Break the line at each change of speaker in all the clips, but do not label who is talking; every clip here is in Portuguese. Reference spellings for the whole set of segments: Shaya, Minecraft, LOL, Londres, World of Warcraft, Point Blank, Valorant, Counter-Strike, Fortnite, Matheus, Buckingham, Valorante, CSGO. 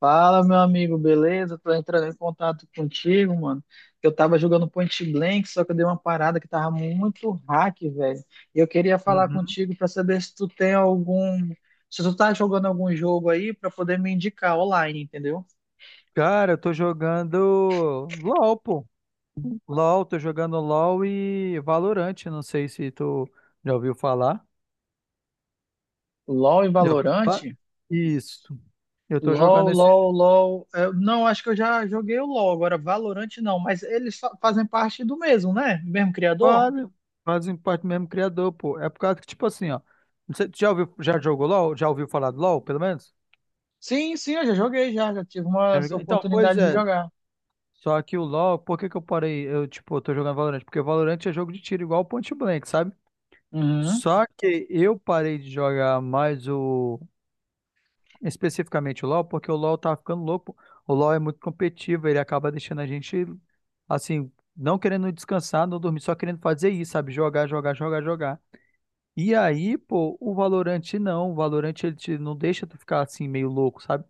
Fala, meu amigo, beleza? Tô entrando em contato contigo, mano. Eu tava jogando Point Blank, só que eu dei uma parada que tava muito hack, velho. E eu queria falar
Uhum.
contigo pra saber se tu tem algum. Se tu tá jogando algum jogo aí pra poder me indicar online, entendeu?
Cara, eu tô jogando LOL, pô. LOL, tô jogando LOL e Valorant. Não sei se tu já ouviu falar.
LOL e
Já ouviu falar?
Valorante?
Isso. Eu tô jogando
LOL,
esses
LOL, LOL. Não, acho que eu já joguei o LOL, agora Valorante não, mas eles fazem parte do mesmo, né? Mesmo criador?
quase, fazem parte do mesmo criador, pô. É por causa que, tipo assim, ó. Não sei, tu já jogou LOL? Já ouviu falar do LOL, pelo menos?
Sim, sim, eu já joguei, já tive uma
Já jogou? Então, pois
oportunidade de
é.
jogar.
Só que o LOL, por que que eu parei? Tipo, eu tô jogando Valorant? Porque Valorant é jogo de tiro igual o Point Blank, sabe?
Uhum.
Só que eu parei de jogar mais o. especificamente o LoL, porque o LoL tá ficando louco. O LoL é muito competitivo, ele acaba deixando a gente, assim, não querendo descansar, não dormir, só querendo fazer isso, sabe? Jogar, jogar, jogar, jogar. E aí, pô, o Valorant não. O Valorant, ele não deixa tu ficar, assim, meio louco, sabe?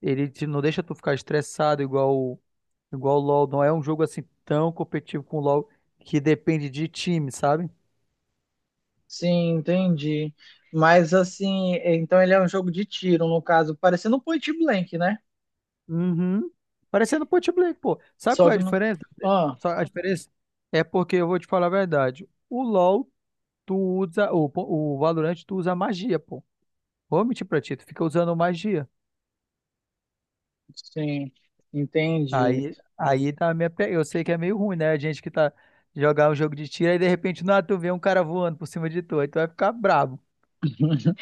Ele não deixa tu ficar estressado igual, igual o LoL. Não é um jogo, assim, tão competitivo com o LoL, que depende de time, sabe?
Sim, entendi. Mas assim, é, então ele é um jogo de tiro, no caso, parecendo um point blank, né?
Uhum. Parecendo Point Blank, pô. Sabe
Só
qual é
que
a
não.
diferença?
Ah,
Só a diferença é porque eu vou te falar a verdade. O LoL, o Valorant, tu usa magia, pô. Vou mentir pra ti, tu fica usando magia.
sim, entendi.
Aí tá a minha. Eu sei que é meio ruim, né? A gente que tá jogar um jogo de tiro, aí de repente, não, tu vê um cara voando por cima de tu, aí tu vai ficar bravo.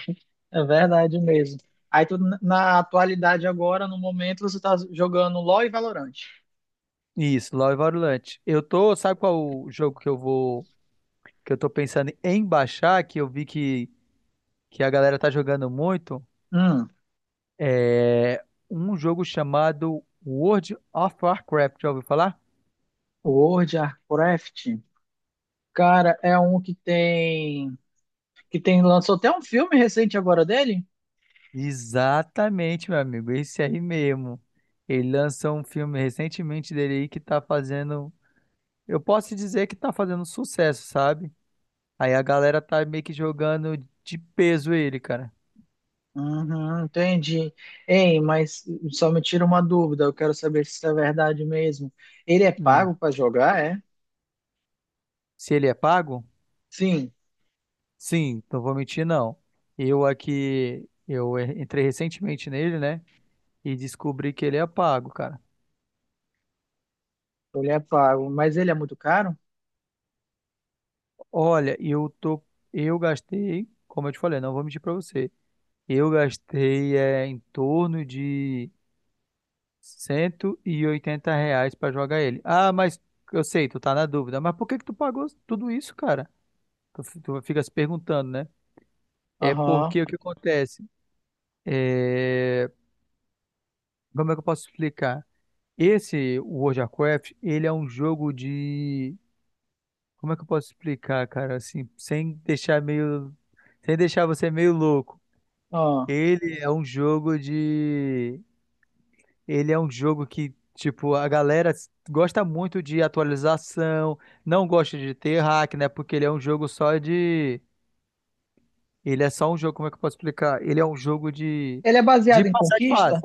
É verdade mesmo. Aí tu, na atualidade agora, no momento, você tá jogando LoL e Valorant.
Isso, LoL e Valorant. Sabe qual o jogo que que eu tô pensando em baixar, que eu vi que a galera tá jogando muito?
Hum,
É um jogo chamado World of Warcraft, já ouviu falar?
World of Warcraft. Cara, é um que tem. Que tem. Lançou até um filme recente agora dele.
Exatamente, meu amigo, esse aí mesmo. Ele lançou um filme recentemente dele aí que tá fazendo, eu posso dizer que tá fazendo sucesso, sabe? Aí a galera tá meio que jogando de peso ele, cara.
Uhum, entendi. Ei, mas só me tira uma dúvida, eu quero saber se isso é verdade mesmo. Ele é
Hum.
pago para jogar, é?
Se ele é pago?
Sim,
Sim, não vou mentir não. Eu aqui, eu entrei recentemente nele, né? E descobri que ele é pago, cara.
ele é pago, mas ele é muito caro?
Olha, eu gastei, como eu te falei, não vou mentir para você. Eu gastei é, em torno de R$ 180 para jogar ele. Ah, mas eu sei, tu tá na dúvida. Mas por que que tu pagou tudo isso, cara? Tu fica se perguntando, né? É
Aham.
porque o que acontece? É, como é que eu posso explicar? Esse World of Warcraft, ele é um jogo de. Como é que eu posso explicar, cara? Assim, sem deixar meio. Sem deixar você meio louco.
Aham.
Ele é um jogo de. Ele é um jogo que, tipo, a galera gosta muito de atualização, não gosta de ter hack, né? Porque ele é um jogo só de. Ele é só um jogo, como é que eu posso explicar? Ele é um jogo de.
Ele é
De
baseado em
passar de fase.
conquista?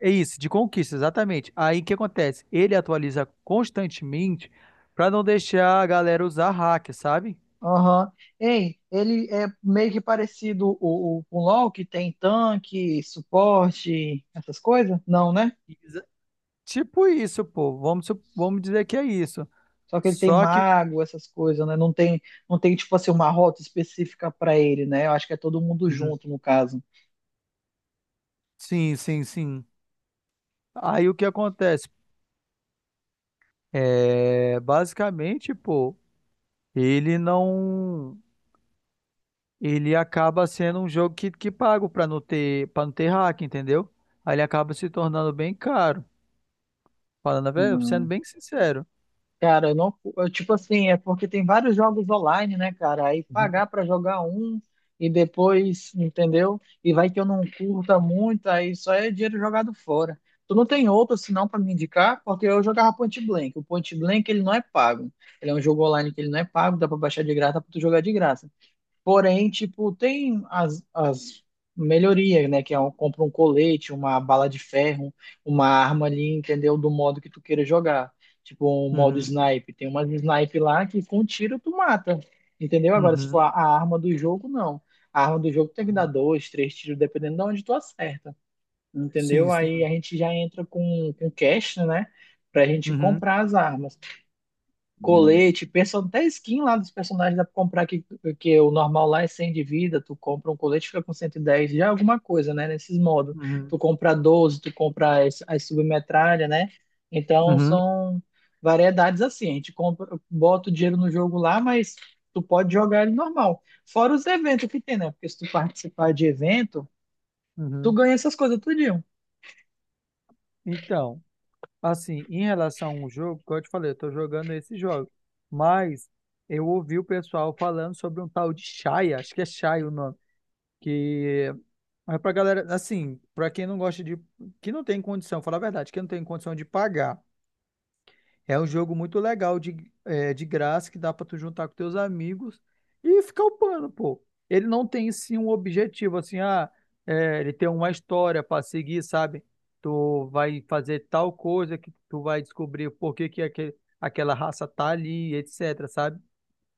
É isso, de conquista, exatamente. Aí o que acontece? Ele atualiza constantemente pra não deixar a galera usar hack, sabe?
Aham. Ei, ele é meio que parecido com o LoL, que tem tanque, suporte, essas coisas? Não, né?
Exa- Tipo isso, pô. Vamos dizer que é isso.
Só que ele tem
Só que.
mago, essas coisas, né? Não tem, não tem tipo assim uma rota específica para ele, né? Eu acho que é todo mundo
Uhum.
junto no caso.
Sim, sim, sim. Aí o que acontece? É, basicamente, pô, ele não. Ele acaba sendo um jogo que pago pra não ter, para não ter hack, entendeu? Aí ele acaba se tornando bem caro. Falando a verdade, sendo bem sincero.
Cara, eu não, eu, tipo assim, é porque tem vários jogos online, né, cara? Aí
Uhum,
pagar pra jogar um e depois, entendeu? E vai que eu não curta muito, aí só é dinheiro jogado fora. Tu não tem outro senão pra me indicar? Porque eu jogava Point Blank. O Point Blank ele não é pago. Ele é um jogo online que ele não é pago, dá pra baixar de graça, dá pra tu jogar de graça. Porém, tipo, tem as melhorias, né? Que é um, compra um colete, uma bala de ferro, uma arma ali, entendeu? Do modo que tu queira jogar. Tipo, um modo
uhum,
snipe. Tem umas snipe lá que com tiro tu mata, entendeu? Agora, se for
uhum,
a arma do jogo, não. A arma do jogo tem que dar
uhum.
dois, três tiros, dependendo de onde tu acerta,
Sim,
entendeu? Aí a
sim.
gente já entra com cash, né? Pra gente
Uhum,
comprar as armas
uhum,
colete, person... até skin lá dos personagens dá pra comprar que o normal lá é 100 de vida, tu compra um colete fica com 110, já é alguma coisa, né, nesses modos. Tu compra 12, tu compra as submetralha, né? Então
uhum,
são variedades assim, a gente compra, bota o dinheiro no jogo lá, mas tu pode jogar ele normal. Fora os eventos que tem, né? Porque se tu participar de evento, tu
uhum.
ganha essas coisas tudinho.
Então, assim, em relação ao jogo, como eu te falei, eu tô jogando esse jogo. Mas eu ouvi o pessoal falando sobre um tal de Shaya, acho que é Shaya o nome. Que é pra galera, assim, pra quem não gosta de. Que não tem condição, falar a verdade, que não tem condição de pagar. É um jogo muito legal de graça que dá pra tu juntar com teus amigos e ficar upando, pô. Ele não tem, sim, um objetivo, assim, ele tem uma história pra seguir, sabe? Tu vai fazer tal coisa que tu vai descobrir por que que aquela raça tá ali, etc, sabe?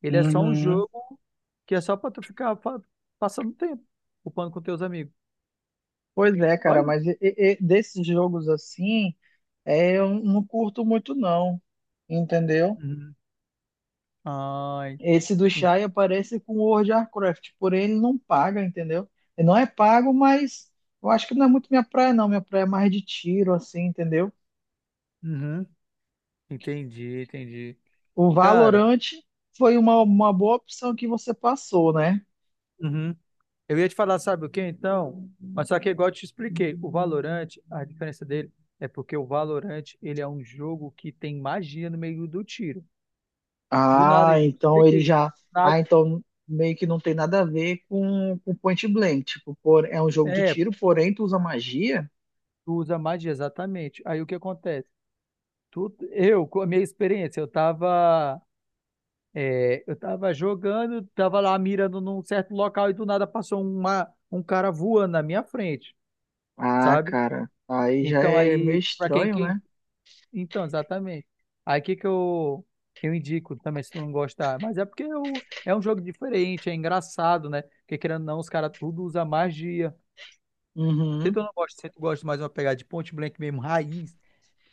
Ele é só um
Uhum.
jogo que é só pra tu ficar passando tempo, upando com teus amigos.
Pois é,
Só
cara, mas
isso.
e desses jogos assim, é, eu não curto muito não, entendeu?
Uhum. Ai,
Esse do
en-
Shai aparece com o World of Warcraft, porém ele não paga, entendeu? Ele não é pago, mas eu acho que não é muito minha praia não, minha praia é mais de tiro, assim, entendeu?
uhum. Entendi, entendi.
O
Cara,
Valorant foi uma boa opção que você passou, né?
uhum. Eu ia te falar, sabe o que então? Mas só que igual eu te expliquei, o Valorant, a diferença dele é porque o Valorant, ele é um jogo que tem magia no meio do tiro. Do nada,
Ah,
igual eu te
então ele
expliquei.
já...
Na-
Ah, então meio que não tem nada a ver com Point Blank, tipo, por... é um jogo de
é,
tiro, porém tu usa magia?
tu usa magia, exatamente. Aí o que acontece? Eu, com a minha experiência, eu tava jogando, tava lá mirando num certo local e do nada passou um cara voando na minha frente.
Ah,
Sabe?
cara, aí já
Então
é meio
aí, para quem,
estranho,
quem.
né?
Então, exatamente. Aí que eu indico também, se tu não gostar. Mas é porque eu, é um jogo diferente, é engraçado, né? Porque querendo ou não, os caras tudo usa magia. Se
Uhum.
tu não gosta, se tu gosta mais de uma pegada de Point Blank mesmo, raiz.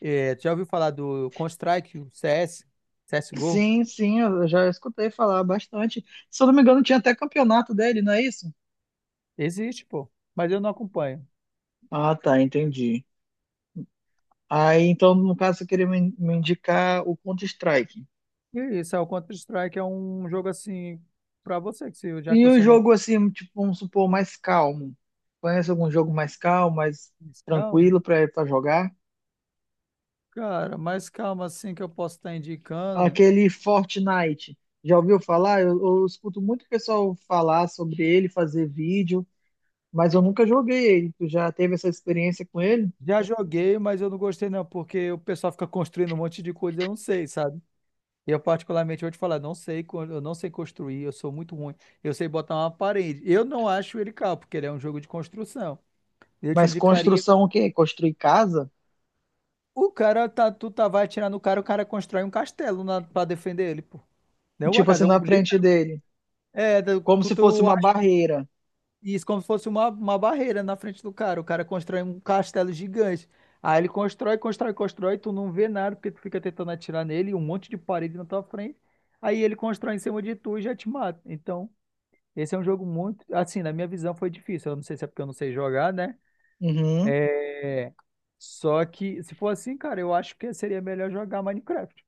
É, tu já ouviu falar do Counter-Strike, o CS, CSGO?
Sim, sim, eu já escutei falar bastante. Se eu não me engano, tinha até campeonato dele, não é isso?
Existe, pô. Mas eu não acompanho.
Ah, tá, entendi. Aí, então, no caso, você queria me indicar o Counter-Strike.
E isso, o Counter-Strike é um jogo assim, pra você, que se, já que
E o
você
jogo, assim, tipo, vamos supor, mais calmo. Conhece algum jogo mais calmo, mais
não.
tranquilo pra jogar?
Cara, mais calma assim que eu posso estar indicando.
Aquele Fortnite. Já ouviu falar? Eu escuto muito pessoal falar sobre ele, fazer vídeo, mas eu nunca joguei ele. Tu já teve essa experiência com ele?
Já joguei, mas eu não gostei não, porque o pessoal fica construindo um monte de coisa, e eu não sei, sabe? Eu particularmente vou te falar, não sei, eu não sei construir, eu sou muito ruim. Eu sei botar uma parede. Eu não acho ele caro, porque ele é um jogo de construção. Eu te
Mas
indicaria,
construção o quê? Construir casa?
tu tá vai atirar no cara, o cara constrói um castelo para defender ele, pô. Não é uma
Tipo assim,
casa, é
na
um livro.
frente dele.
É,
Como
tu,
se fosse
tu
uma barreira.
Isso, como se fosse uma barreira na frente do cara. O cara constrói um castelo gigante. Aí ele constrói, constrói, constrói, tu não vê nada porque tu fica tentando atirar nele, um monte de parede na tua frente. Aí ele constrói em cima de tu e já te mata. Então, esse é um jogo muito, assim, na minha visão foi difícil. Eu não sei se é porque eu não sei jogar, né?
Uhum,
É, só que se for assim, cara, eu acho que seria melhor jogar Minecraft.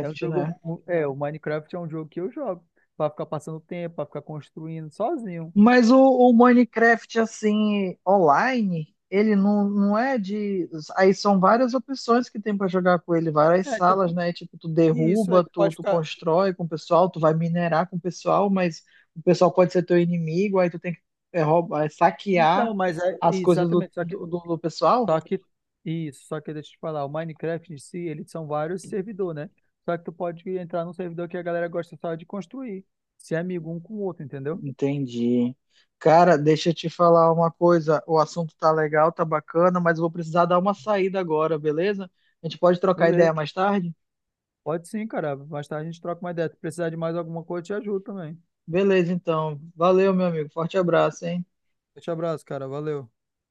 É um jogo,
né?
o Minecraft é um jogo que eu jogo. Pra ficar passando tempo, pra ficar construindo sozinho.
Mas o Minecraft, assim, online, ele não, não é de. Aí são várias opções que tem pra jogar com ele, várias
É, então,
salas, né? Tipo, tu
isso,
derruba,
tu
tu,
pode
tu
ficar.
constrói com o pessoal, tu vai minerar com o pessoal, mas o pessoal pode ser teu inimigo, aí tu tem que é, roubar, é, saquear
Então, mas é
as coisas do,
exatamente, só que,
do, do do pessoal.
só que isso, só que deixa eu te falar, o Minecraft em si, eles são vários servidores, né? Só que tu pode entrar num servidor que a galera gosta só de construir, ser amigo um com o outro, entendeu?
Entendi. Cara, deixa eu te falar uma coisa. O assunto tá legal, tá bacana, mas eu vou precisar dar uma saída agora, beleza? A gente pode trocar ideia
Beleza.
mais tarde?
Pode sim, cara. Mais tarde a gente troca uma ideia. Se precisar de mais alguma coisa, eu te ajudo também.
Beleza, então. Valeu, meu amigo. Forte abraço, hein?
Deixa abraço, cara. Valeu.